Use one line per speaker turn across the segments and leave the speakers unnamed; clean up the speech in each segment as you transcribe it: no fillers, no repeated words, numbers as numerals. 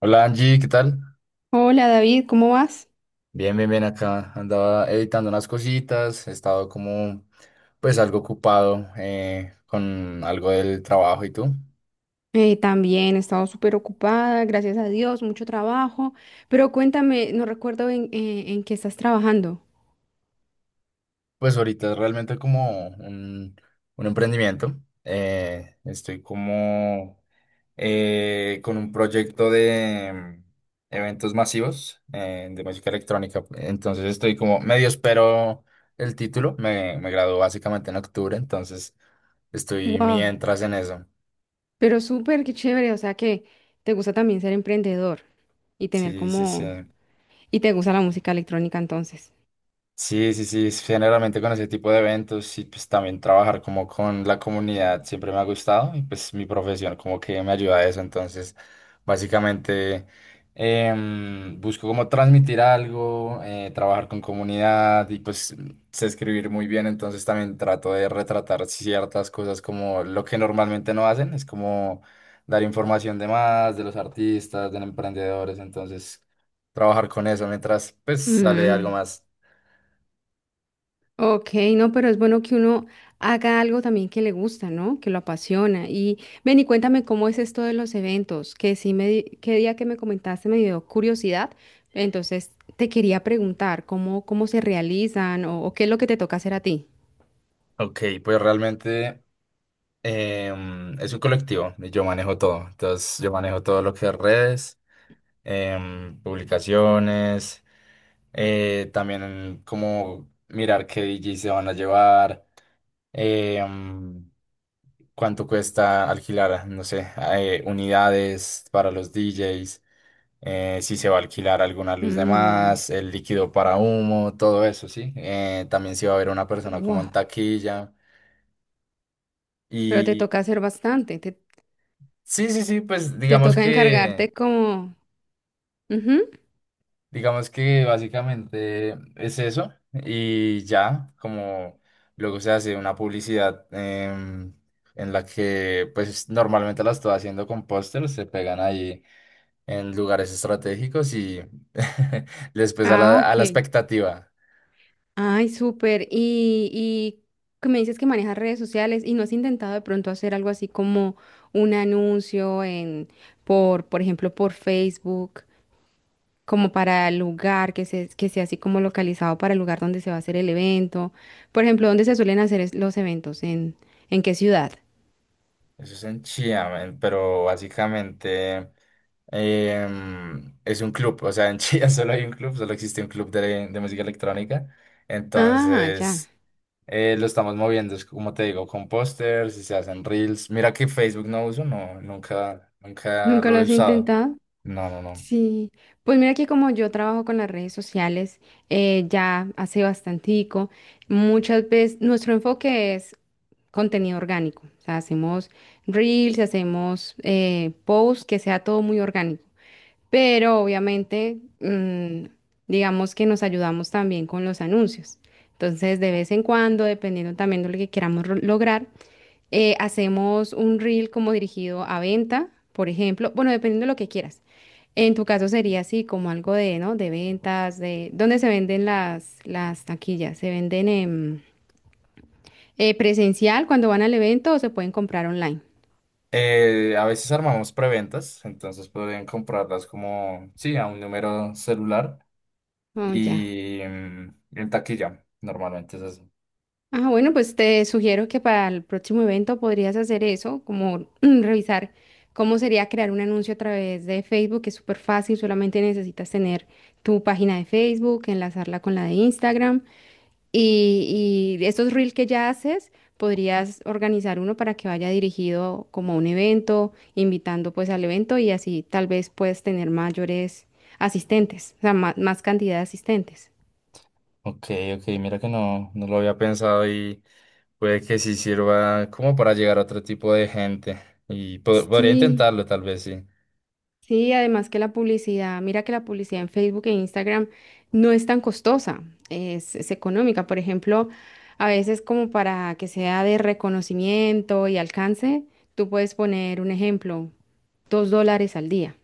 Hola Angie, ¿qué tal?
Hola David, ¿cómo vas?
Bien, bien, bien acá. Andaba editando unas cositas, he estado como pues algo ocupado, con algo del trabajo. ¿Y tú?
También he estado súper ocupada, gracias a Dios, mucho trabajo, pero cuéntame, no recuerdo en qué estás trabajando.
Pues ahorita es realmente como un emprendimiento. Eh, estoy como con un proyecto de eventos masivos, de música electrónica. Entonces estoy como medio espero el título. Me graduó básicamente en octubre, entonces estoy
Wow,
mientras en eso.
pero súper, qué chévere, o sea que te gusta también ser emprendedor y tener
Sí, sí, sí.
como... y te gusta la música electrónica entonces.
Sí, sí, sí, es generalmente con ese tipo de eventos y pues también trabajar como con la comunidad siempre me ha gustado, y pues mi profesión como que me ayuda a eso. Entonces básicamente busco como transmitir algo, trabajar con comunidad. Y pues sé escribir muy bien, entonces también trato de retratar ciertas cosas como lo que normalmente no hacen. Es como dar información de más, de los artistas, de los emprendedores. Entonces trabajar con eso mientras pues sale algo
Mm.
más.
Ok, no, pero es bueno que uno haga algo también que le gusta, ¿no? Que lo apasiona. Y ven y cuéntame cómo es esto de los eventos, que sí me, di- qué día que me comentaste me dio curiosidad. Entonces te quería preguntar cómo se realizan o qué es lo que te toca hacer a ti.
Ok, pues realmente es un colectivo y yo manejo todo. Entonces, yo manejo todo lo que es redes, publicaciones, también como mirar qué DJ se van a llevar, em, cuánto cuesta alquilar, no sé, unidades para los DJs, si se va a alquilar alguna luz de
Mm,
más, el líquido para humo, todo eso, ¿sí? También si va a haber una persona como
wow,
en taquilla.
pero te
Y
toca hacer bastante,
sí, sí, sí, pues
te toca encargarte como... Ujú.
digamos que básicamente es eso y ya. Como luego se hace una publicidad, en la que pues normalmente la estoy haciendo con pósters, se pegan ahí en lugares estratégicos y les pesa
Ah,
a
ok.
la expectativa.
Ay, súper. Y que me dices que manejas redes sociales y no has intentado de pronto hacer algo así como un anuncio en, por ejemplo, por Facebook, como para el lugar que se, que sea así como localizado para el lugar donde se va a hacer el evento. Por ejemplo, ¿dónde se suelen hacer es- los eventos? En qué ciudad?
Eso es en Chía, pero básicamente es un club. O sea, en Chía solo hay un club, solo existe un club de música electrónica.
Ah, ya.
Entonces lo estamos moviendo, es como te digo, con pósters y se hacen reels. Mira que Facebook no uso, no, nunca, nunca
¿Nunca lo
lo he
has
usado.
intentado?
No, no, no.
Sí, pues mira que como yo trabajo con las redes sociales ya hace bastantico, muchas veces nuestro enfoque es contenido orgánico. O sea, hacemos reels, hacemos posts, que sea todo muy orgánico. Pero obviamente, digamos que nos ayudamos también con los anuncios. Entonces, de vez en cuando, dependiendo también de lo que queramos ro- lograr, hacemos un reel como dirigido a venta, por ejemplo. Bueno, dependiendo de lo que quieras. En tu caso sería así, como algo de, ¿no? De ventas, de... ¿Dónde se venden las taquillas? Se venden en... presencial cuando van al evento o se pueden comprar online.
A veces armamos preventas, entonces pueden comprarlas como, sí, a un número celular
Oh, ya.
y en taquilla, normalmente es así.
Ah, bueno, pues te sugiero que para el próximo evento podrías hacer eso, como revisar cómo sería crear un anuncio a través de Facebook, que es súper fácil, solamente necesitas tener tu página de Facebook, enlazarla con la de Instagram. Y estos reels que ya haces, podrías organizar uno para que vaya dirigido como a un evento, invitando pues al evento y así tal vez puedes tener mayores asistentes, o sea, ma- más, cantidad de asistentes.
Ok, ok, mira que no, no lo había pensado, y puede que sí sirva como para llegar a otro tipo de gente. Y podría
Sí,
intentarlo, tal vez sí.
sí, además que la publicidad, mira que la publicidad en Facebook e Instagram no es tan costosa, es económica. Por ejemplo, a veces como para que sea de reconocimiento y alcance, tú puedes poner un ejemplo, dos dólares al día.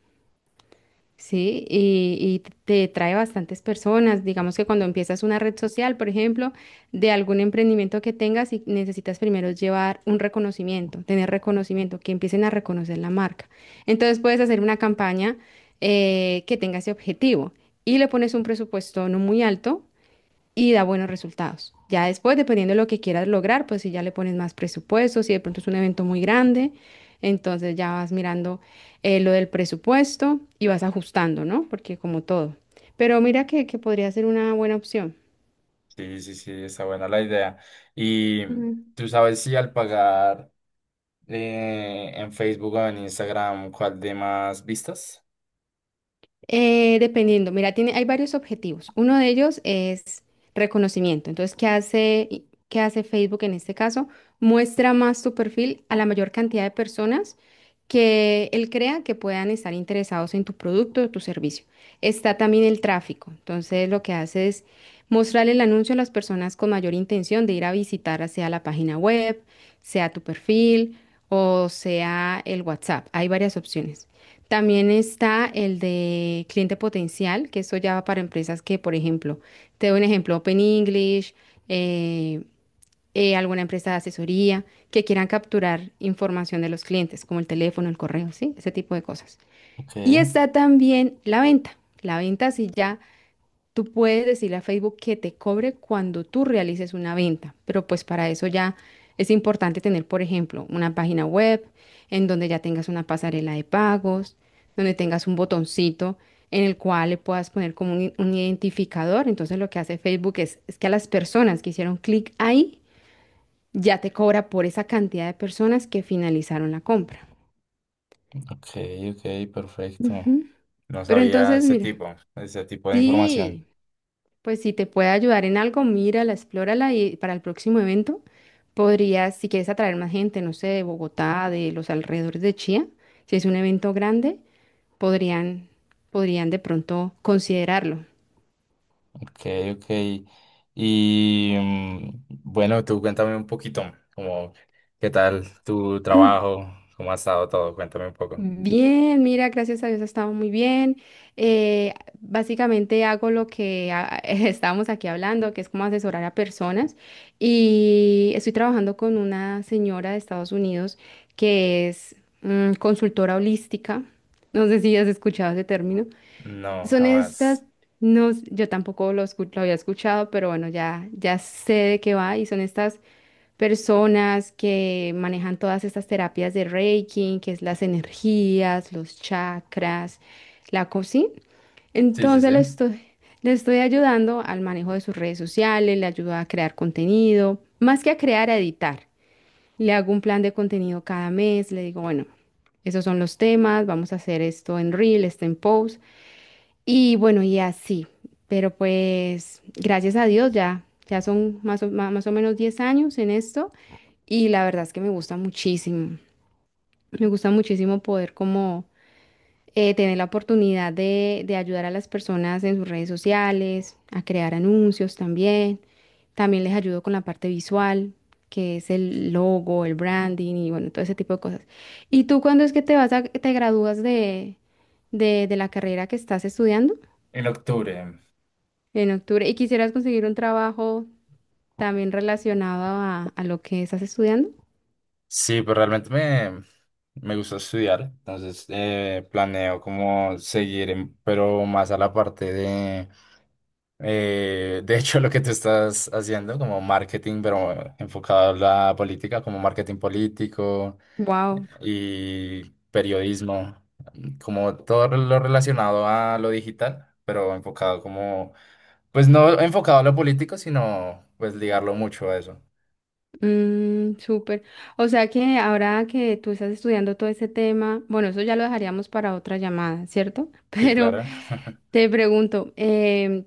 Sí, y te trae bastantes personas. Digamos que cuando empiezas una red social, por ejemplo, de algún emprendimiento que tengas y necesitas primero llevar un reconocimiento, tener reconocimiento, que empiecen a reconocer la marca. Entonces puedes hacer una campaña que tenga ese objetivo y le pones un presupuesto no muy alto y da buenos resultados. Ya después, dependiendo de lo que quieras lograr, pues si ya le pones más presupuesto, si de pronto es un evento muy grande, entonces ya vas mirando lo del presupuesto y vas ajustando, ¿no? Porque como todo. Pero mira que podría ser una buena opción.
Sí, sí, sí, está buena la idea. Y
Ujú.
tú sabes si al pagar en Facebook o en Instagram, ¿cuál de más vistas?
Dependiendo, mira, tiene, hay varios objetivos. Uno de ellos es reconocimiento. Entonces, ¿qué hace, y- qué hace Facebook en este caso? Muestra más tu perfil a la mayor cantidad de personas que él crea que puedan estar interesados en tu producto o tu servicio. Está también el tráfico. Entonces, lo que hace es mostrar el anuncio a las personas con mayor intención de ir a visitar, sea la página web, sea tu perfil o sea el WhatsApp. Hay varias opciones. También está el de cliente potencial, que eso ya va para empresas que, por ejemplo, te doy un ejemplo, Open English, eh, alguna empresa de asesoría, que quieran capturar información de los clientes, como el teléfono, el correo, ¿sí? Ese tipo de cosas.
Ok,
Y está también la venta. La venta sí ya tú puedes decirle a Facebook que te cobre cuando tú realices una venta, pero pues para eso ya es importante tener, por ejemplo, una página web en donde ya tengas una pasarela de pagos, donde tengas un botoncito en el cual le puedas poner como un identificador. Entonces lo que hace Facebook es que a las personas que hicieron clic ahí, ya te cobra por esa cantidad de personas que finalizaron la compra.
ok, ok, perfecto.
Ujú.
No
Pero
sabía
entonces, mira,
ese tipo de información.
sí. Pues si te puede ayudar en algo, mírala, explórala y para el próximo evento podrías, si quieres atraer más gente, no sé, de Bogotá, de los alrededores de Chía, si es un evento grande, podrían, podrían de pronto considerarlo.
Ok, ok. Y mm, bueno, tú cuéntame un poquito, como, ¿qué tal tu trabajo? ¿Cómo ha estado todo? Cuéntame un poco.
Bien, mira, gracias a Dios ha estado muy bien. Eh, Básicamente hago lo que ah, estábamos aquí hablando, que es como asesorar a personas. Y estoy trabajando con una señora de Estados Unidos que es consultora holística. No sé si has escuchado ese término.
No,
Son estas,
jamás.
no, yo tampoco escu- lo había escuchado, pero bueno, ya sé de qué va y son estas personas que manejan todas estas terapias de Reiki, que es las energías, los chakras, la cocina.
Sí, sí,
Entonces
sí.
le estoy ayudando al manejo de sus redes sociales, le ayudo a crear contenido, más que a crear, a editar. Le hago un plan de contenido cada mes, le digo, bueno, esos son los temas, vamos a hacer esto en Reel, esto en Post. Y bueno, y así, pero pues gracias a Dios ya son más o, ma- más o menos 10 años en esto y la verdad es que me gusta muchísimo poder como tener la oportunidad de ayudar a las personas en sus redes sociales, a crear anuncios también, también les ayudo con la parte visual, que es el logo, el branding y bueno, todo ese tipo de cosas. ¿Y tú cuándo es que te vas a, te gradúas de, de la carrera que estás estudiando?
En octubre.
En octubre. ¿Y quisieras conseguir un trabajo también relacionado a lo que estás estudiando?
Sí, pero realmente me gusta estudiar, entonces planeo como seguir, pero más a la parte de hecho, lo que tú estás haciendo, como marketing, pero enfocado a la política, como marketing político.
Wow,
Y periodismo, como todo lo relacionado a lo digital, pero enfocado como, pues no enfocado a lo político, sino pues ligarlo mucho a eso.
mm, súper. O sea que ahora que tú estás estudiando todo ese tema, bueno, eso ya lo dejaríamos para otra llamada, ¿cierto?
Sí,
Pero
claro.
te pregunto, em,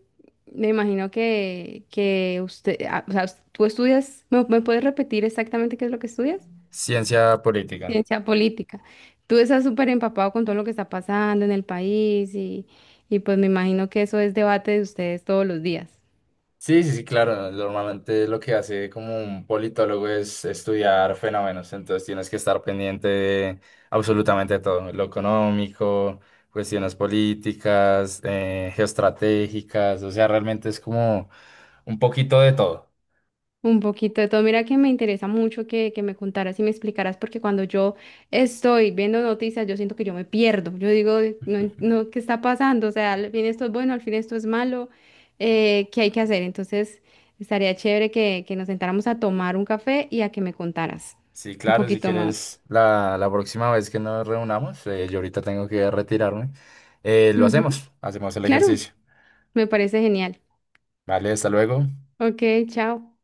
me imagino que usted, ah, o sea, tú estudias, ¿me, me puedes repetir exactamente qué es lo que estudias?
Ciencia política.
Ciencia política. Tú estás súper empapado con todo lo que está pasando en el país y pues me imagino que eso es debate de ustedes todos los días.
Sí, sí, sí, claro. Normalmente lo que hace como un politólogo es estudiar fenómenos, entonces tienes que estar pendiente de absolutamente todo, lo económico, cuestiones políticas, geoestratégicas. O sea, realmente es como un poquito de todo.
Un poquito de todo. Mira que me interesa mucho que me contaras y me explicaras porque cuando yo estoy viendo noticias yo siento que yo me pierdo. Yo digo, no, en- no, ¿qué está pasando? O sea, al fin esto es bueno, al fin esto es malo. ¿Qué hay que hacer? Entonces estaría chévere que nos sentáramos a tomar un café y a que me contaras
Sí,
un
claro, si
poquito más.
quieres, la próxima vez que nos reunamos, yo ahorita tengo que retirarme, lo
Ujú.
hacemos, hacemos el
Claro,
ejercicio.
me parece genial.
Vale, hasta luego.
Ok, chao.